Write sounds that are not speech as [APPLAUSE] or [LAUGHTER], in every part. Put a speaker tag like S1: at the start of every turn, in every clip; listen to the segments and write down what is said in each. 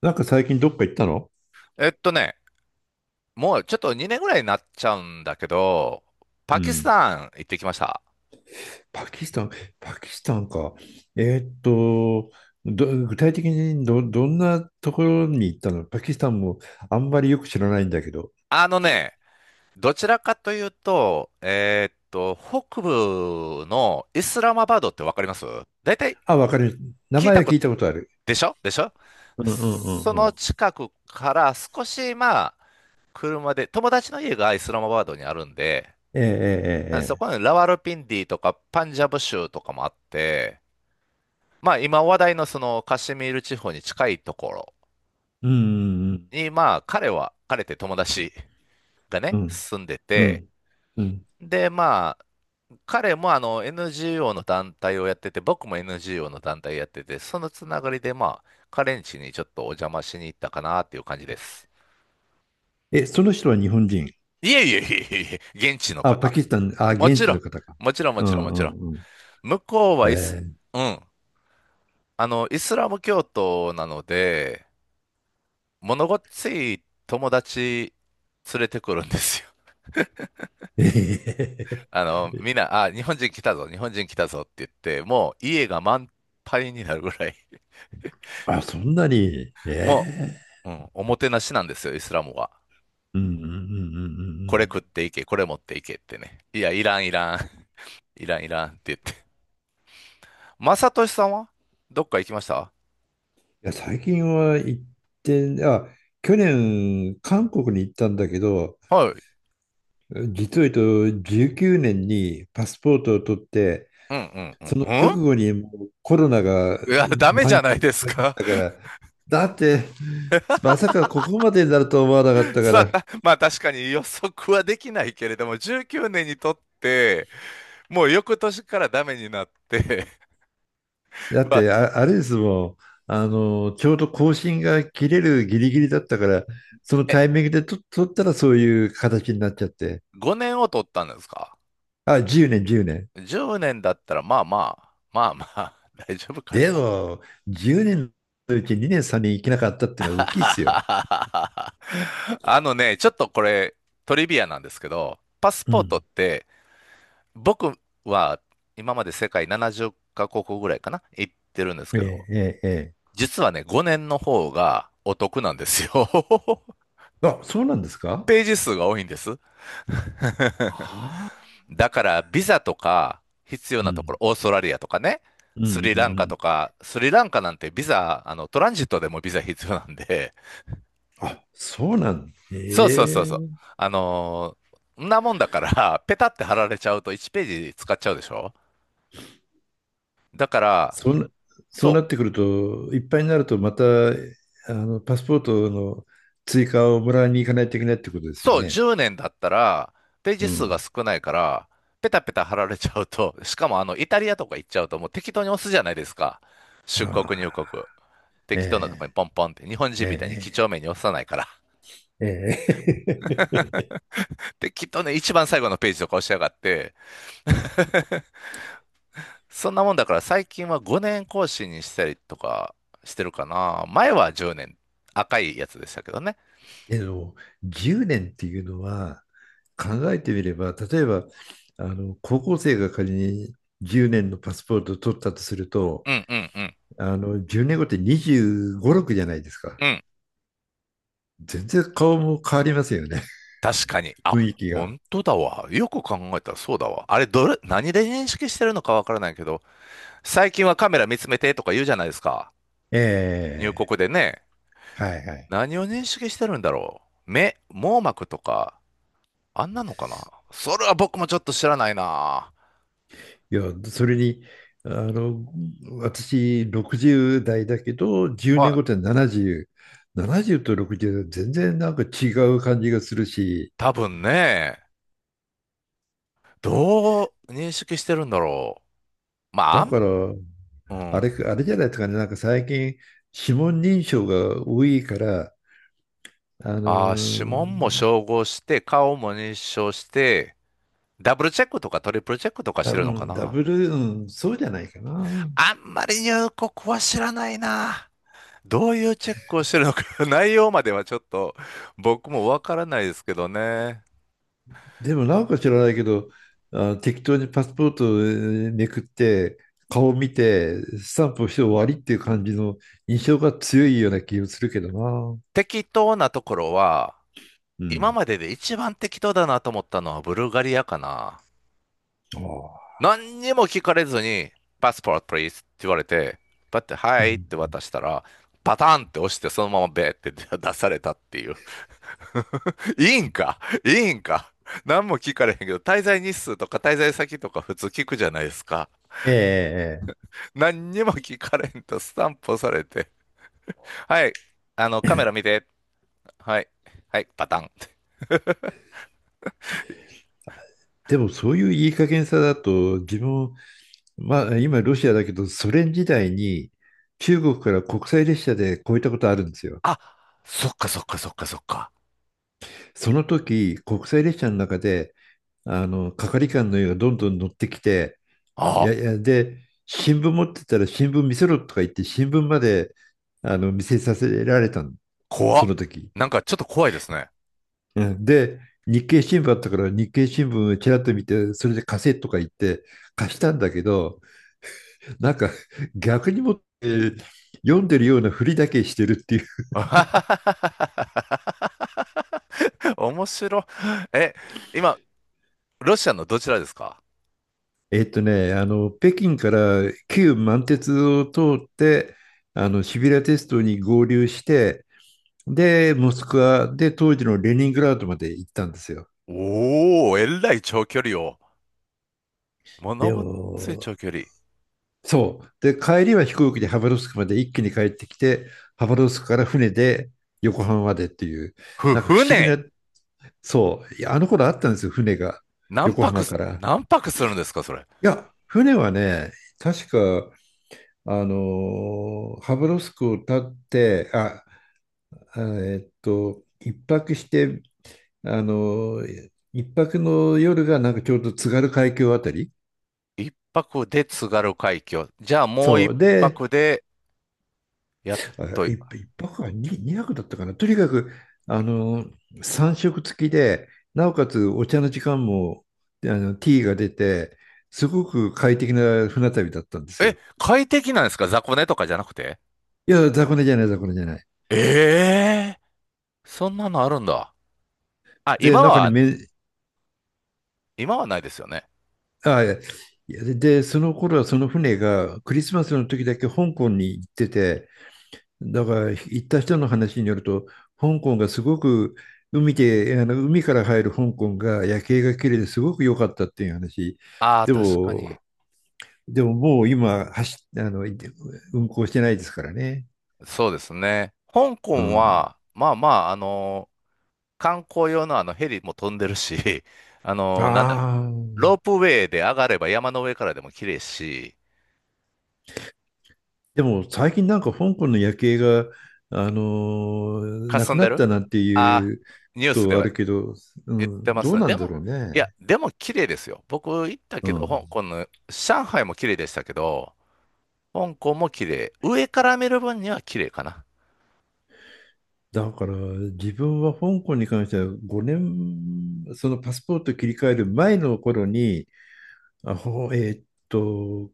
S1: なんか最近どっか行ったの？
S2: えっとね、もうちょっと2年ぐらいになっちゃうんだけど、
S1: う
S2: パキス
S1: ん。
S2: タン行ってきました。
S1: パキスタン、パキスタンか。えーっと、具体的にどんなところに行ったのパキスタンもあんまりよく知らないんだけど。
S2: あのね、どちらかというと、北部のイスラマバードってわかります？大体。
S1: あ、わかる。名
S2: 聞い
S1: 前
S2: た
S1: は
S2: こ
S1: 聞
S2: と。
S1: いたことある。
S2: でしょ？でしょ？
S1: うんうんう
S2: そ
S1: んう
S2: の
S1: ん。
S2: 近くから少し、まあ、車で、友達の家がイスラマバードにあるんで、
S1: えええええ
S2: そ
S1: え。
S2: こにラワルピンディとかパンジャブ州とかもあって、まあ今話題のそのカシミール地方に近いところ
S1: うんうん
S2: に、まあ、彼は、彼って友達が
S1: う
S2: ね、
S1: ん
S2: 住んで
S1: う
S2: て、
S1: んうん。
S2: で、まあ、彼もあの NGO の団体をやってて、僕も NGO の団体やってて、そのつながりで、まあ、彼ん家にちょっとお邪魔しに行ったかなっていう感じです。
S1: え、その人は日本人？
S2: いえいえいえいえ、現地の
S1: あ、パ
S2: 方。
S1: キスタン、あ、
S2: も
S1: 現
S2: ち
S1: 地
S2: ろん、
S1: の方か。
S2: もちろん、も
S1: う
S2: ちろん、
S1: ん
S2: もちろん。
S1: うんうん。
S2: 向こうは
S1: え
S2: うん、あの、イスラム教徒なので、物ごっつい友達連れてくるんですよ。
S1: ー、えへへへ。
S2: あの、みんな、あ、日本人来たぞ、日本人来たぞって言って、もう家が満杯になるぐらい、
S1: [LAUGHS] あ、そんなに。
S2: [LAUGHS] も
S1: え、
S2: う、うん、おもてなしなんですよ、イスラムは。
S1: うんうんうんうんう
S2: これ
S1: ん。
S2: 食っていけ、これ持っていけってね。いや、いらん、いらん、[LAUGHS] いらん、いらんって言って。まさとしさんはどっか行きました？
S1: いや、最近は行って、あ、去年、韓国に行ったんだけど、
S2: はい。
S1: 実を言うと19年にパスポートを取って、
S2: うん、うん、うん、
S1: その
S2: う
S1: 直
S2: ん。
S1: 後にもうコロナが
S2: いや、ダメ
S1: 蔓
S2: じ
S1: 延
S2: ゃない
S1: し
S2: です
S1: まくっ
S2: か。
S1: たから、だって、まさかここまでになると思わなかっ
S2: [LAUGHS]
S1: たか
S2: さあ、
S1: ら、
S2: まあ確かに予測はできないけれども、19年にとって、もう翌年からダメになって、[LAUGHS]
S1: だっ
S2: まあ、
S1: て、あ、あれですもん、あの、ちょうど更新が切れるギリギリだったから、その
S2: え、
S1: タイミングで取ったらそういう形になっちゃって、
S2: 5年を取ったんですか？
S1: あ、10年、10年。
S2: 10年だったら、まあまあ、まあまあ、[LAUGHS] 大丈夫か
S1: で
S2: な。
S1: も、10年のうち2年、3年行けなかったっ
S2: [LAUGHS]
S1: ていうのは大きいですよ。
S2: あのね、ちょっとこれ、トリビアなんですけど、パス
S1: う
S2: ポートっ
S1: ん。
S2: て、僕は今まで世界70カ国ぐらいかな、行ってるんです
S1: え
S2: けど、
S1: え、ええ、え
S2: 実はね、5年の方がお得なんですよ。[LAUGHS]
S1: え。あ、そうなんですか？
S2: ページ数が多いんです。[LAUGHS]
S1: ああ、
S2: だからビザとか必要
S1: う
S2: なところ、
S1: ん。
S2: オーストラリアとかね、
S1: うん、うん、
S2: スリ
S1: う
S2: ランカ
S1: ん。
S2: とか、スリランカなんてビザ、あの、トランジットでもビザ必要なんで、
S1: あ、そうなんだ。
S2: [LAUGHS] そうそうそう
S1: え
S2: そう。
S1: え。
S2: あのーんなもんだから、ペタって貼られちゃうと1ページ使っちゃうでしょ？だから、
S1: そんな、そう
S2: そ
S1: な
S2: う、
S1: ってくると、いっぱいになると、また、あの、パスポートの追加をもらいに行かないといけないってことですよ
S2: そう、
S1: ね。
S2: 10年だったら、ペー
S1: う
S2: ジ数が
S1: ん。
S2: 少ないから、ペタペタ貼られちゃうと、しかもあの、イタリアとか行っちゃうと、もう適当に押すじゃないですか。出国入国。
S1: ああ、
S2: 適当なとこ
S1: え
S2: にポンポンって、日本
S1: え、
S2: 人みたいに几
S1: え
S2: 帳面に押さないから。
S1: え、ええ。え
S2: で、きっとね、一番最後のページとか押しやがって、[LAUGHS] そんなもんだから最近は5年更新にしたりとかしてるかな。前は10年、赤いやつでしたけどね。
S1: え。 [LAUGHS] でも、10年っていうのは、考えてみれば、例えば、あの、高校生が仮に10年のパスポートを取ったとすると、
S2: うんうんうん。
S1: あの、10年後って25、6じゃないですか。
S2: うん。
S1: 全然顔も変わりますよね。
S2: 確
S1: [LAUGHS]
S2: かに。あ、
S1: 雰囲気が。
S2: 本当だわ。よく考えたらそうだわ。あれ、どれ、何で認識してるのかわからないけど、最近はカメラ見つめてとか言うじゃないですか。入
S1: ええ。
S2: 国でね。
S1: はいはい。
S2: 何を認識してるんだろう。目、網膜とか、あんなのかな。それは僕もちょっと知らないな。
S1: いや、それに、あの、私、60代だけど、10
S2: は
S1: 年後っ
S2: い。
S1: て70、70と60は全然なんか違う感じがするし、
S2: 多分ね、どう認識してるんだろう。まあ、
S1: だから、
S2: う
S1: あ
S2: ん。
S1: れ、あれじゃないですかね、なんか最近、指紋認証が多いから、あの
S2: ああ、指紋も
S1: ー、
S2: 照合して、顔も認証して、ダブルチェックとかトリプルチェックとかして
S1: う
S2: るのか
S1: んダ
S2: な。
S1: ブル、うん、そうじゃないかな。
S2: あんまり入国は知らないな。どういうチェックをしてるのか、[LAUGHS] 内容まではちょっと僕もわからないですけどね。
S1: でも、なんか知らないけど、あ、適当にパスポートをめくって、顔見て、スタンプをして終わりっていう感じの印象が強いような気がするけどな。
S2: 適当なところは、
S1: う
S2: 今
S1: ん。
S2: までで一番適当だなと思ったのはブルガリアかな。
S1: ああ。
S2: 何にも聞かれずに、パスポート please って言われて、パッて、
S1: う
S2: はいっ
S1: ん。
S2: て渡したら、パターンって押して、そのままベーって [LAUGHS] 出されたっていう。[LAUGHS] いいんか？いいんか？何も聞かれへんけど、滞在日数とか滞在先とか普通聞くじゃないですか。
S1: ええええ。
S2: 何にも聞かれんとスタンプ押されて、はい、あの、カメラ見て、はい、はい、パターンって。
S1: でもそういういい加減さだと、自分、まあ今ロシアだけど、ソ連時代に中国から国際列車で越えたことあるんですよ。
S2: あ、そっかそっかそっかそっか。
S1: その時、国際列車の中で、あの、係官の家がどんどん乗ってきて、い
S2: あ
S1: やい
S2: あ、
S1: や、で、新聞持ってたら新聞見せろとか言って、新聞まで見せさせられたの、
S2: 怖っ。
S1: その時。
S2: なんかちょっと怖いですね。
S1: うんで、日経新聞あったから、日経新聞をちらっと見て、それで貸せとか言って貸したんだけど、なんか逆にもって、読んでるようなふりだけしてるっていう。
S2: [LAUGHS] 面白い。え、今、ロシアのどちらですか？
S1: あの、北京から旧満鉄を通って、あの、シビラ鉄道に合流して、で、モスクワで当時のレニングラードまで行ったんですよ。
S2: おー、えらい長距離を。もの
S1: で
S2: ごっつい
S1: も、
S2: 長距離。
S1: そう。で、帰りは飛行機でハバロフスクまで一気に帰ってきて、ハバロフスクから船で横浜までっていう、なんか不思議
S2: 船、
S1: な、そう、いやあの頃あったんですよ、船が、横浜から。
S2: 何泊するんですか、それ？
S1: いや、船はね、確か、ハブロフスクを立って、一泊して、一泊の夜がなんかちょうど津軽海峡あたり。
S2: 一泊で津軽海峡。じゃあもう
S1: そ
S2: 一
S1: う。で、
S2: 泊で、やっ
S1: あ、
S2: と、
S1: 一泊は二泊だったかな。とにかく、三食付きで、なおかつお茶の時間も、あの、ティーが出て、すごく快適な船旅だったんです
S2: え、
S1: よ。
S2: 快適なんですか？雑魚寝とかじゃなくて。
S1: いや、雑魚寝じゃない、雑魚寝じゃない。
S2: ええー、そんなのあるんだ。あ、
S1: で、
S2: 今
S1: 中に
S2: は、
S1: め
S2: 今はないですよね。
S1: あ、いや、いやで、その頃はその船がクリスマスの時だけ香港に行ってて、だから行った人の話によると、香港がすごく海で、あの海から入る香港が夜景が綺麗ですごく良かったっていう話。
S2: ああ、
S1: で
S2: 確か
S1: も、
S2: に。
S1: でも、もう今あの、運航してないですからね。
S2: そうですね。香
S1: う
S2: 港
S1: ん。
S2: は、まあまあ、あの観光用のあのヘリも飛んでるし、[LAUGHS] あのなんだ、
S1: ああ。
S2: ロープウェイで上がれば山の上からでも綺麗し、
S1: でも最近なんか香港の夜景が、な
S2: 霞
S1: く
S2: ん
S1: な
S2: で
S1: っ
S2: る。
S1: たなんて
S2: あ、
S1: いう
S2: ニ
S1: こ
S2: ュース
S1: と
S2: で
S1: はあ
S2: は
S1: るけど、う
S2: 言って
S1: ん、
S2: ま
S1: ど
S2: す
S1: う
S2: ね。
S1: な
S2: で
S1: んだ
S2: も、
S1: ろうね。
S2: いや、でも綺麗ですよ。僕行った
S1: う
S2: けど、
S1: ん。
S2: 香港の、上海も綺麗でしたけど、香港も綺麗。上から見る分には綺麗かな。
S1: だから自分は香港に関しては5年、そのパスポート切り替える前の頃に、あ、ほ、えーっと、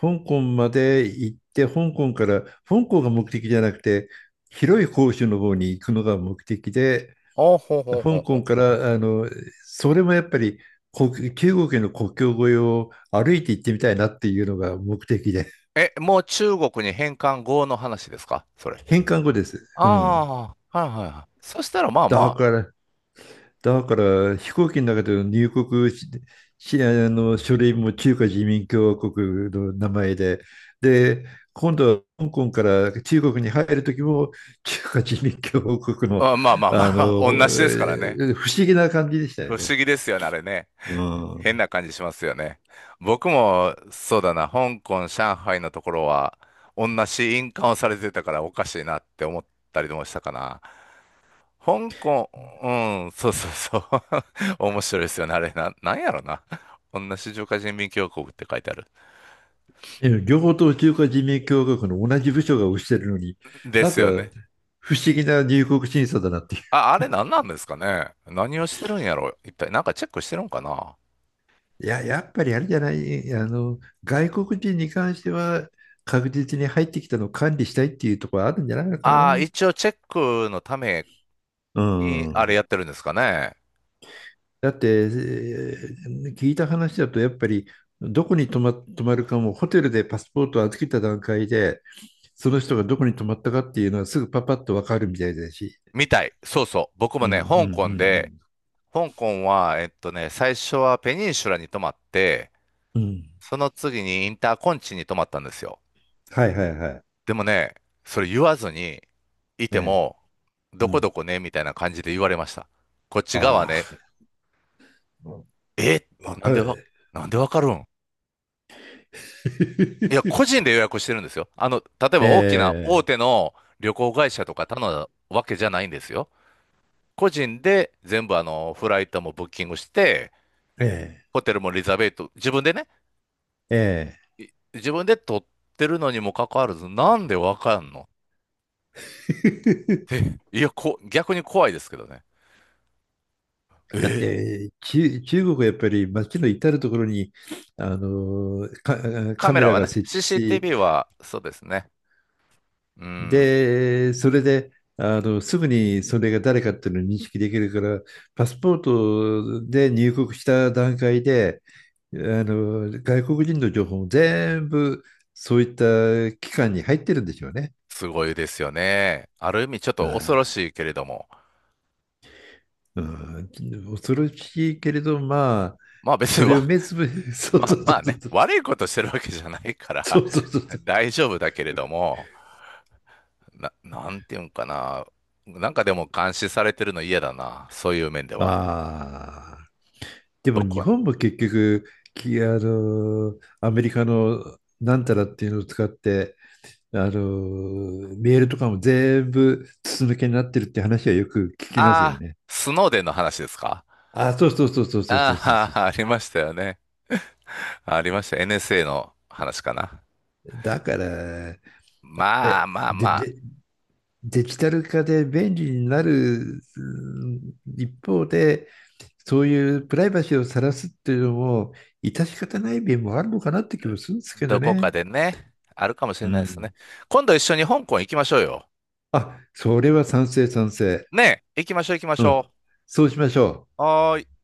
S1: 香港まで行って、香港から、香港が目的じゃなくて、広い広州の方に行くのが目的で、
S2: おほうほうほ
S1: 香
S2: うほ
S1: 港
S2: う。
S1: から、あの、それもやっぱり、中国の国境越えを歩いて行ってみたいなっていうのが目的で、
S2: え、もう中国に返還後の話ですか？それ。
S1: 返還後です。
S2: あ
S1: うん。
S2: あ、はいはいはい。そしたらまあ
S1: だ
S2: ま
S1: から、だから、飛行機の中での入国ししあの書類も中華人民共和国の名前で、で、今度は香港から中国に入る時も中華人民共和国の、
S2: あ、まあまあまあ、[LAUGHS] 同じですからね。
S1: 不思議な感じでしたよ
S2: 不
S1: ね。
S2: 思議ですよね、あれね。
S1: う
S2: 変
S1: ん。
S2: な感じしますよね。僕も、そうだな、香港、上海のところは、同じ印鑑をされてたからおかしいなって思ったりもしたかな。香港、うん、そうそうそう。[LAUGHS] 面白いですよね、あれな、なんやろな。同じ中華人民共和国って書いてある。
S1: ええ両方とも中華人民共和国の同じ部署が推してるのに、
S2: で
S1: なん
S2: す
S1: か
S2: よね。
S1: 不思議な入国審査だなっていう。
S2: あ、あれ何なんですかね。何をしてるんやろ、一体。なんかチェックしてるんかな。
S1: いや、やっぱりあれじゃない、あの、外国人に関しては確実に入ってきたのを管理したいっていうところあるんじゃないのか
S2: ああ、
S1: な。
S2: 一応チェックのため
S1: う
S2: に、あれ
S1: ん。
S2: やってるんですかね。
S1: だって、聞いた話だと、やっぱりどこに泊まるかも、ホテルでパスポートを預けた段階で、その人がどこに泊まったかっていうのはすぐパパッとわかるみたいだし。
S2: みたい。そうそう。僕
S1: うん
S2: も
S1: うんう
S2: ね、香港
S1: ん
S2: で、香港は、最初はペニンシュラに泊まって、
S1: うん。うん
S2: その次にインターコンチに泊まったんですよ。
S1: はいはいはい。
S2: でもね、それ言わずにい
S1: え
S2: て
S1: え。
S2: も、
S1: う
S2: どこど
S1: ん。
S2: こね、みたいな感じで言われました。こっち側
S1: あ
S2: ね、みたい
S1: あ、
S2: な。え、
S1: わ
S2: な
S1: か
S2: んでわ、
S1: る。
S2: なんでわかるん？いや、
S1: [LAUGHS]
S2: 個人で予約してるんですよ。あの、例え
S1: え
S2: ば大きな大
S1: え、
S2: 手の旅行会社とか頼んだわけじゃないんですよ。個人で全部あの、フライトもブッキングして、
S1: え
S2: ホテルもリザベート、自分でね、
S1: え、え
S2: 自分で取ってるのにもかかわらず、なんでわかんの？
S1: え。[LAUGHS]
S2: いや、逆に怖いですけどね。
S1: だっ
S2: え、
S1: て、中国はやっぱり街の至るところに、あのーか、
S2: カ
S1: カ
S2: メ
S1: メ
S2: ラ
S1: ラ
S2: は
S1: が
S2: ね、
S1: 設置し、
S2: CCTV は、そうですね。うん、
S1: で、それで、あの、すぐにそれが誰かっていうのを認識できるから、パスポートで入国した段階で、あの、外国人の情報も全部そういった機関に入ってるんでしょうね。
S2: すごいですよね。ある意味ちょっと恐ろ
S1: あ
S2: しいけれども、
S1: あ、うん、恐ろしいけれど、まあ、
S2: まあ別
S1: そ
S2: に
S1: れ
S2: わ、
S1: を目つぶ、
S2: [LAUGHS]
S1: [LAUGHS] そう
S2: まあ
S1: そうそ
S2: まあ
S1: うそ
S2: ね、
S1: う、
S2: 悪いことしてるわけじゃないか
S1: そ
S2: ら
S1: うそうそ
S2: [LAUGHS]
S1: う
S2: 大丈夫だけれども、なんていうんかな。なんかでも監視されてるの嫌だな。そういう面では。
S1: ああ。でも
S2: 僕
S1: 日
S2: は。
S1: 本も結局、あの、アメリカのなんたらっていうのを使って、あの、メールとかも全部筒抜けになってるって話はよく聞きますよ
S2: ああ、
S1: ね。
S2: スノーデンの話ですか？
S1: あ、そうそうそうそうそうそうそう
S2: あ
S1: そう。
S2: あー、[LAUGHS] ありましたよね。ありました。NSA の話かな。
S1: だから、
S2: まあまあまあ、
S1: で、デジタル化で便利になるうん一方で、そういうプライバシーを晒すっていうのも、致し方ない面もあるのかなって気もするんですけど
S2: どこか
S1: ね。
S2: でね、あるかもし
S1: う
S2: れないですね。
S1: ん。
S2: 今度一緒に香港行きましょうよ。
S1: あ、それは賛成、賛成。
S2: ねえ、行きましょう行きまし
S1: う
S2: ょ
S1: ん。そうしましょう。
S2: う。はーい。